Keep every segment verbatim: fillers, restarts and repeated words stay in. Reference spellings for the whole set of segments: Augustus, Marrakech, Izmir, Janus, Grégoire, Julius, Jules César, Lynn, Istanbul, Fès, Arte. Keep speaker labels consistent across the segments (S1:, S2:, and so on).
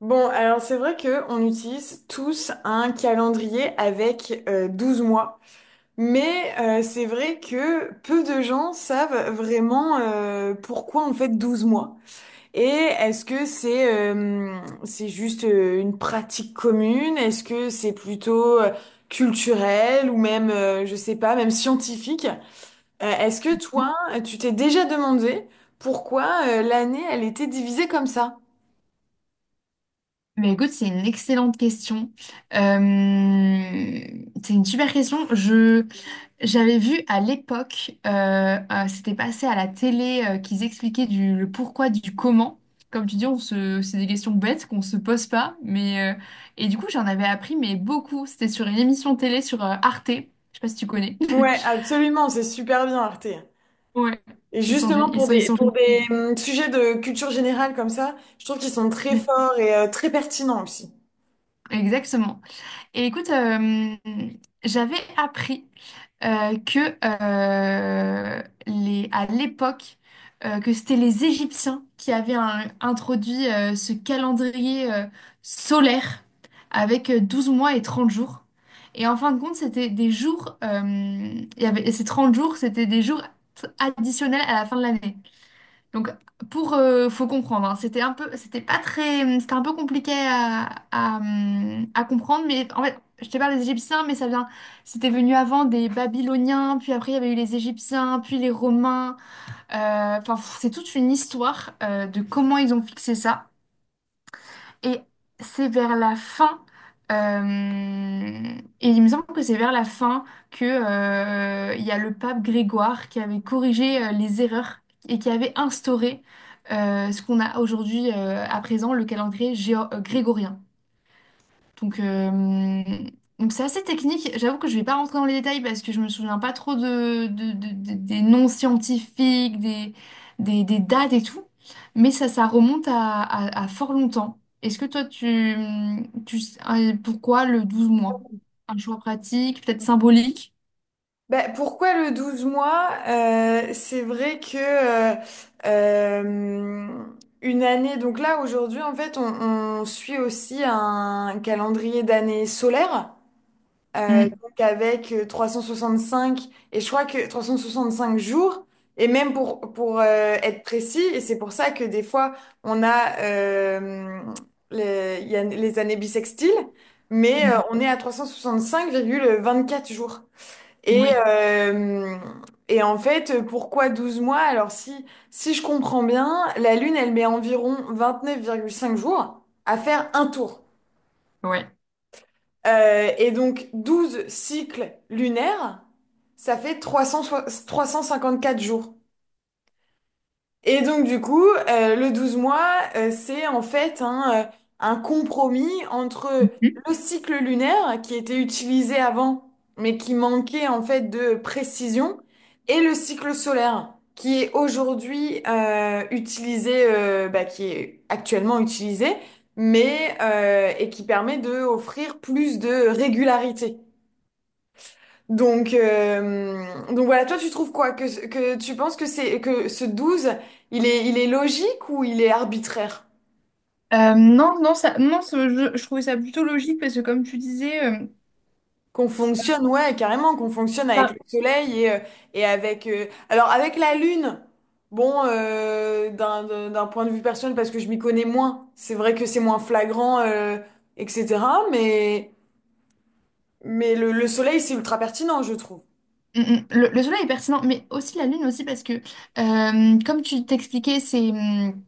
S1: Bon, alors c'est vrai que on utilise tous un calendrier avec euh, douze mois, mais euh, c'est vrai que peu de gens savent vraiment euh, pourquoi on fait douze mois. Et est-ce que c'est euh, c'est juste euh, une pratique commune? Est-ce que c'est plutôt euh, culturel ou même, euh, je sais pas, même scientifique? Euh, est-ce que toi, tu t'es déjà demandé pourquoi euh, l'année, elle était divisée comme ça?
S2: Mais écoute, c'est une excellente question. Euh, c'est une super question. Je, j'avais vu à l'époque, euh, euh, c'était passé à la télé, euh, qu'ils expliquaient du, le pourquoi du comment. Comme tu dis, on se, c'est des questions bêtes qu'on se pose pas. Mais, euh, et du coup, j'en avais appris, mais beaucoup. C'était sur une émission télé sur euh, Arte. Je sais pas si tu connais.
S1: Ouais, absolument, c'est super bien, Arte.
S2: Ouais,
S1: Et
S2: ils sont, gé-
S1: justement,
S2: ils
S1: pour
S2: sont, ils
S1: des,
S2: sont
S1: pour
S2: géniaux.
S1: des hum, sujets de culture générale comme ça, je trouve qu'ils sont très
S2: Mm.
S1: forts et euh, très pertinents aussi.
S2: Exactement. Et écoute, euh, j'avais appris euh, que euh, les, à l'époque, euh, que c'était les Égyptiens qui avaient un- introduit euh, ce calendrier euh, solaire avec euh, douze mois et trente jours. Et en fin de compte, c'était des jours, euh, il y avait, et ces trente jours, c'était des jours t- additionnels à la fin de l'année. Donc, pour, euh, faut comprendre, hein, c'était un peu, c'était pas très, c'était un peu compliqué à, à, hum, à comprendre, mais en fait, je te parle des Égyptiens, mais ça vient, c'était venu avant des Babyloniens, puis après il y avait eu les Égyptiens, puis les Romains, euh, enfin, pff, c'est toute une histoire, euh, de comment ils ont fixé ça. Et c'est vers la fin, euh, et il me semble que c'est vers la fin que, euh, il y a le pape Grégoire qui avait corrigé euh, les erreurs et qui avait instauré euh, ce qu'on a aujourd'hui euh, à présent, le calendrier géo- euh, grégorien. Donc, euh, donc c'est assez technique. J'avoue que je vais pas rentrer dans les détails parce que je me souviens pas trop de, de- de- de- des noms scientifiques, des, des, des dates et tout. Mais ça, ça remonte à, à- à fort longtemps. Est-ce que toi, tu, tu sais- euh, pourquoi le douze mois? Un choix pratique, peut-être symbolique?
S1: Bah, pourquoi le douze mois? Euh, c'est vrai que euh, euh, une année, donc là aujourd'hui en fait on, on suit aussi un calendrier d'année solaire. Euh,
S2: Mm,
S1: donc avec euh, trois cent soixante-cinq, et je crois que trois cent soixante-cinq jours, et même pour, pour euh, être précis, et c'est pour ça que des fois, on a, euh, les, il y a les années bissextiles, mais euh,
S2: mm.
S1: on est à trois cent soixante-cinq virgule vingt-quatre jours. Et,
S2: Oui,
S1: euh, et en fait, pourquoi douze mois? Alors si, si je comprends bien, la Lune, elle met environ vingt-neuf virgule cinq jours à faire un tour.
S2: ouais.
S1: Euh, et donc douze cycles lunaires, ça fait trois cent soi- quatre jours. Et donc du coup, euh, le douze mois, euh, c'est en fait un, euh, un compromis entre
S2: Mm.
S1: le cycle lunaire qui était utilisé avant, mais qui manquait en fait de précision, et le cycle solaire qui est aujourd'hui euh, utilisé, euh, bah, qui est actuellement utilisé, mais euh, et qui permet de offrir plus de régularité. Donc, euh, donc voilà, toi tu trouves quoi? Que, que tu penses que c'est que ce douze, il est, il est logique ou il est arbitraire?
S2: Euh, non, non, ça, non, ce- je, je trouvais ça plutôt logique parce que comme tu disais, euh,
S1: Qu'on fonctionne, ouais, carrément, qu'on fonctionne avec le soleil et, euh, et avec... euh, alors avec la lune, bon, euh, d'un, d'un d'un point de vue personnel, parce que je m'y connais moins, c'est vrai que c'est moins flagrant, euh, et cetera. Mais, mais le, le soleil, c'est ultra pertinent, je trouve.
S2: Mm, mm. Le, le soleil est pertinent, mais aussi la lune aussi parce que, euh, comme tu t'expliquais, c'est hum,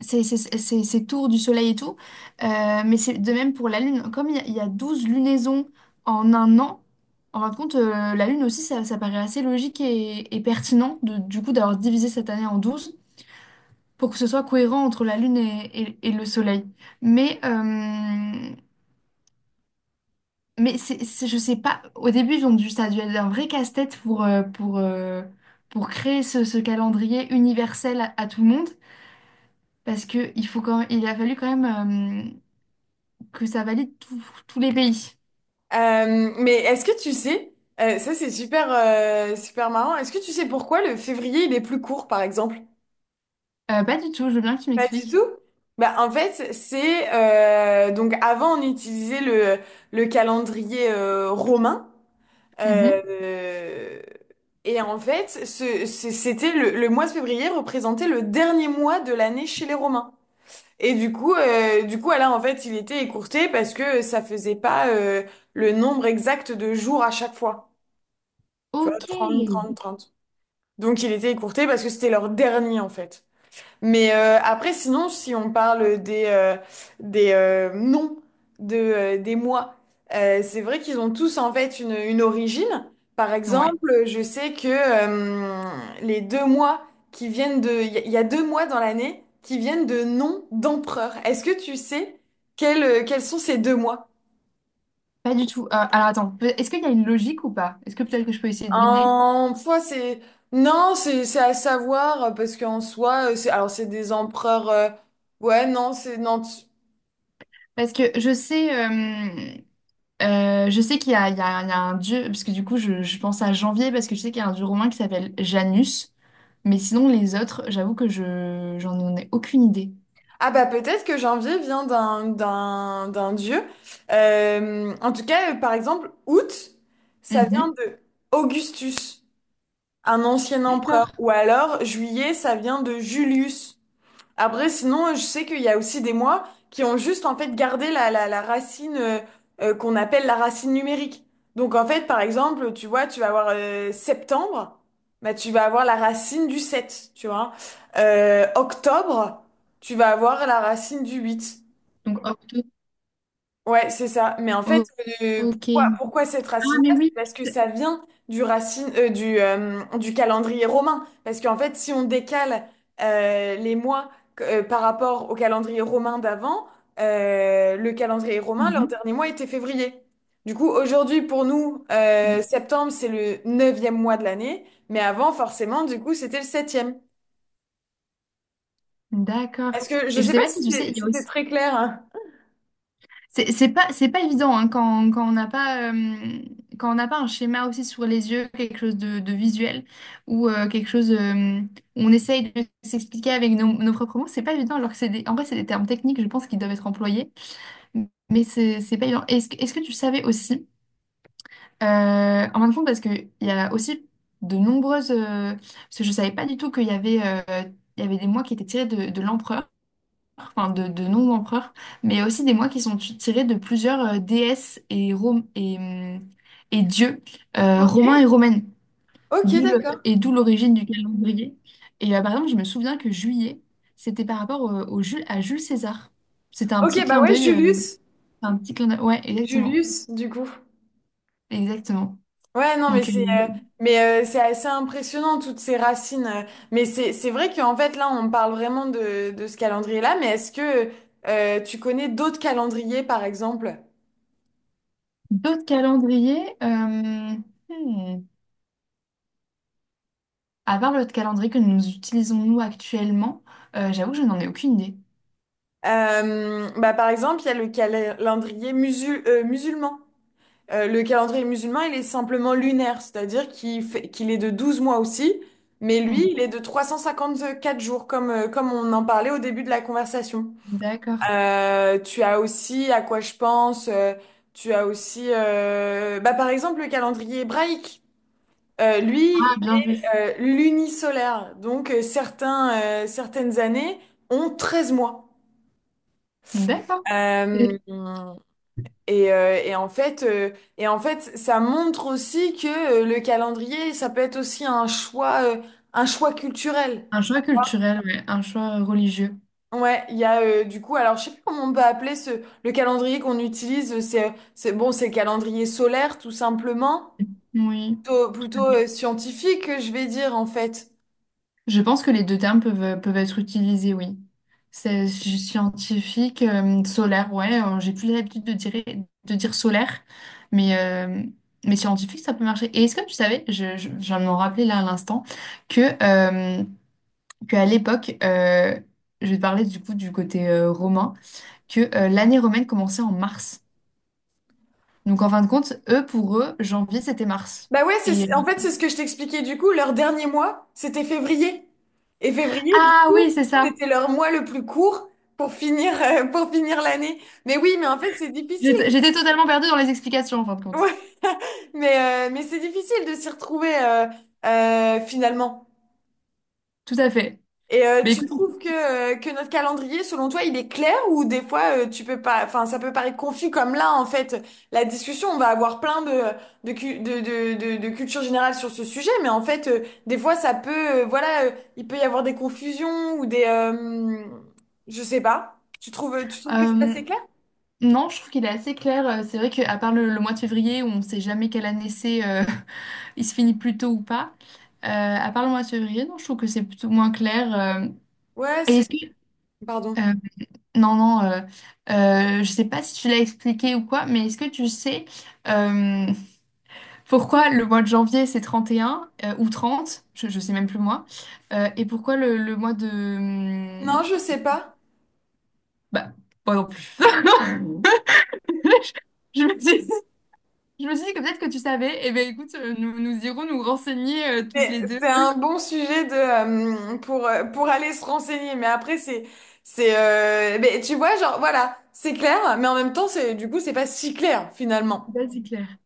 S2: c'est- c'est- c'est- c'est- ces tours du soleil et tout, euh, mais c'est de même pour la lune. Comme il y, a il y a douze lunaisons en un an, en fin de compte, euh, la lune aussi, ça, ça paraît assez logique et, et pertinent de, du coup d'avoir divisé cette année en douze pour que ce soit cohérent entre la lune et, et- et le soleil. Mais, euh, Mais c'est, c'est- je sais pas, au début, ils ont dû, ça a dû être un vrai casse-tête pour, euh, pour, euh, pour créer ce, ce calendrier universel à, à tout le monde, parce que il faut quand, il a fallu quand même euh, que ça valide tous tous les pays.
S1: Euh, mais est-ce que tu sais, euh, ça c'est super, euh, super marrant, est-ce que tu sais pourquoi le février il est plus court par exemple?
S2: Euh, pas du tout, je veux bien que tu
S1: Pas du
S2: m'expliques.
S1: tout? Bah, en fait, c'est euh, donc avant on utilisait le, le calendrier euh, romain
S2: Mhm.
S1: euh, et en fait ce- ce- c'était le, le mois de février représentait le dernier mois de l'année chez les Romains. Et du coup, euh, du coup, là, en fait, il était écourté parce que ça faisait pas euh, le nombre exact de jours à chaque fois. Tu vois,
S2: Ok.
S1: trente trente trente. Donc il était écourté parce que c'était leur dernier en fait. Mais euh, après, sinon, si on parle des, euh, des euh, noms de, euh, des mois, euh, c'est vrai qu'ils ont tous en fait une, une origine. Par
S2: Ouais.
S1: exemple, je sais que euh, les deux mois qui viennent de... Il y, a il y a deux mois dans l'année qui viennent de noms d'empereurs. Est-ce que tu sais quels, euh, quels sont ces deux mois?
S2: Pas du tout. Euh, alors attends, peut- est-ce qu'il y a une logique ou pas? Est-ce que peut-être que je peux essayer de deviner?
S1: En foi, c'est non, c'est c'est à savoir euh, parce qu'en soi, euh, c'est alors c'est des empereurs. euh, Ouais, non, c'est non. tu-
S2: Parce que je sais, euh, Euh, je sais qu'il y a, il y a- il y a un dieu, parce que du coup, je, je pense à janvier, parce que je sais qu'il y a un dieu romain qui s'appelle Janus. Mais sinon, les autres, j'avoue que je, j'en ai aucune idée.
S1: Ah bah peut-être que janvier vient d'un d'un d'un dieu. Euh, en tout cas, euh, par exemple, août, ça vient
S2: Mhm.
S1: de Augustus, un ancien empereur,
S2: D'accord.
S1: ou alors juillet, ça vient de Julius. Après, sinon, je sais qu'il y a aussi des mois qui ont juste en fait gardé la, la, la racine euh, euh, qu'on appelle la racine numérique. Donc en fait, par exemple, tu vois, tu vas avoir euh, septembre, bah, tu vas avoir la racine du sept, tu vois. Euh, octobre, tu vas avoir la racine du huit.
S2: Donc, octo-
S1: Ouais, c'est ça. Mais en fait,
S2: o-
S1: euh,
S2: ok.
S1: pourquoi, pourquoi cette
S2: Ah, mais
S1: racine-là? C'est
S2: oui.
S1: parce que ça vient du racine, euh, du, euh, du calendrier romain. Parce qu'en fait, si on décale euh, les mois euh, par rapport au calendrier romain d'avant, euh, le calendrier romain, leur
S2: Mhm.
S1: dernier mois était février. Du coup, aujourd'hui, pour nous, euh,
S2: Mm.
S1: septembre, c'est le neuvième mois de l'année. Mais avant, forcément, du coup, c'était le septième.
S2: D'accord.
S1: Est-ce que, je
S2: Et je
S1: sais
S2: sais
S1: pas
S2: pas
S1: si
S2: si tu sais,
S1: c'est-
S2: il
S1: si
S2: y a
S1: c'était
S2: aussi
S1: très clair, hein.
S2: C'est c'est pas, c'est pas évident, hein, quand, quand on n'a pas, euh, quand on n'a pas un schéma aussi sur les yeux, quelque chose de, de visuel ou euh, quelque chose euh, où on essaye de s'expliquer avec nos, nos propres mots, c'est pas évident. Alors que c'est des- en vrai, c'est des termes techniques, je pense, qui doivent être employés, mais c'est c'est pas évident. Est-ce, que est-ce que tu savais aussi, euh, en fin de compte, parce qu'il y a aussi de nombreuses. euh, parce que je savais pas du tout qu'il y avait, euh, il y avait des mois qui étaient tirés de, de l'empereur enfin de, de noms d'empereurs, mais aussi des mois qui sont tu- tirés de plusieurs euh, déesses et, rom- et, hum, et dieux euh,
S1: Ok,
S2: romains et romaines,
S1: ok,
S2: d'où le-
S1: d'accord.
S2: et d'où l'origine du calendrier. Et euh, par exemple, je me souviens que juillet, c'était par rapport euh, au Jules, à Jules César. C'était un petit
S1: Ok, bah
S2: clin
S1: ouais,
S2: d'œil. euh,
S1: Julius.
S2: un petit clin d'œil. Ouais, exactement.
S1: Julius, du coup.
S2: Exactement.
S1: Ouais, non, mais
S2: Donc, euh,
S1: c'est euh, mais euh, C'est assez impressionnant toutes ces racines. euh. Mais c'est c'est vrai qu'en fait là, on parle vraiment de de ce calendrier-là. Mais est-ce que euh, tu connais d'autres calendriers, par exemple?
S2: d'autres calendriers, euh, hmm, à part le calendrier que nous utilisons nous actuellement, euh, j'avoue que je n'en ai aucune idée.
S1: Euh, bah, par exemple, il y a le calendrier musul- euh, musulman. Euh, le calendrier musulman, il est simplement lunaire, c'est-à-dire qu'il fait, qu'il est de douze mois aussi, mais lui, il est
S2: Mhm.
S1: de trois cent cinquante-quatre jours, comme, euh, comme on en parlait au début de la conversation.
S2: D'accord.
S1: Euh, tu as aussi à quoi je pense. Euh, tu as aussi, euh, bah, par exemple, le calendrier hébraïque. Euh, lui, il
S2: Bien vu.
S1: est euh, lunisolaire. Donc, euh, certains, euh, certaines années ont treize mois.
S2: D'accord.
S1: Euh,
S2: Et-
S1: et, euh, et en fait, euh, et en fait, ça montre aussi que euh, le calendrier, ça peut être aussi un choix, euh, un choix culturel.
S2: Un choix culturel, ouais, un choix religieux.
S1: Ouais, il y a euh, du coup, alors je sais plus comment on peut appeler ce le calendrier qu'on utilise, c'est c'est bon, c'est le calendrier solaire tout simplement,
S2: Oui.
S1: plutôt,
S2: Tout à
S1: plutôt
S2: fait.
S1: euh, scientifique, je vais dire en fait.
S2: Je pense que les deux termes peuvent, peuvent être utilisés, oui. C'est scientifique, euh, solaire, ouais. euh, j'ai plus l'habitude de dire, de dire solaire, mais, euh, mais scientifique, ça peut marcher. Et est-ce que tu savais, je, je, je viens de m'en rappeler là à l'instant, que, euh, qu'à l'époque, euh, je vais te parler du coup du côté euh, romain, que euh, l'année romaine commençait en mars. Donc en fin de compte, eux, pour eux, janvier, c'était mars.
S1: Bah ouais,
S2: Et...
S1: c'est en fait c'est ce que je t'expliquais du coup, leur dernier mois, c'était février. Et février du
S2: Ah
S1: coup,
S2: oui, c'est ça.
S1: c'était leur mois le plus court pour finir euh, pour finir l'année. Mais oui, mais en fait, c'est difficile.
S2: J'étais j'étais totalement perdue dans les explications, en fin de compte.
S1: Ouais. Mais euh, mais c'est difficile de s'y retrouver euh, euh, finalement.
S2: Tout à fait.
S1: Et euh,
S2: Mais
S1: tu
S2: écoute,
S1: trouves que, euh, que notre calendrier, selon toi, il est clair ou des fois euh, tu peux pas, enfin ça peut paraître confus comme là en fait. La discussion, on va avoir plein de de cu- de de, de, de culture générale sur ce sujet, mais en fait euh, des fois ça peut, euh, voilà, euh, il peut y avoir des confusions ou des, euh, je sais pas. Tu trouves, tu trouves que c'est
S2: euh,
S1: assez clair?
S2: non, je trouve qu'il est assez clair. Euh, C'est vrai qu'à part le, le mois de février, où on ne sait jamais quelle année c'est, euh, il se finit plus tôt ou pas, euh, à part le mois de février, non, je trouve que c'est plutôt moins clair. euh.
S1: Ouais,
S2: Et
S1: c'est,
S2: est-ce que...
S1: pardon.
S2: euh, non, non, euh, euh, je sais pas si tu l'as expliqué ou quoi, mais est-ce que tu sais... euh, pourquoi le mois de janvier c'est trente et un euh, ou trente je, je sais même plus moi, euh, et pourquoi le, le mois de... hum,
S1: Non, je sais pas.
S2: Bah, moi non plus. Je me suis, je me suis dit que peut-être que tu savais, et eh ben écoute, euh, nous, nous irons nous renseigner euh, toutes
S1: Mais
S2: les deux.
S1: c'est un bon sujet de, euh, pour, euh, pour aller se renseigner. Mais après, c'est, c'est, euh, mais tu vois, genre, voilà, c'est clair, mais en même temps, c'est, du coup, c'est pas si clair, finalement.
S2: Là, c'est clair.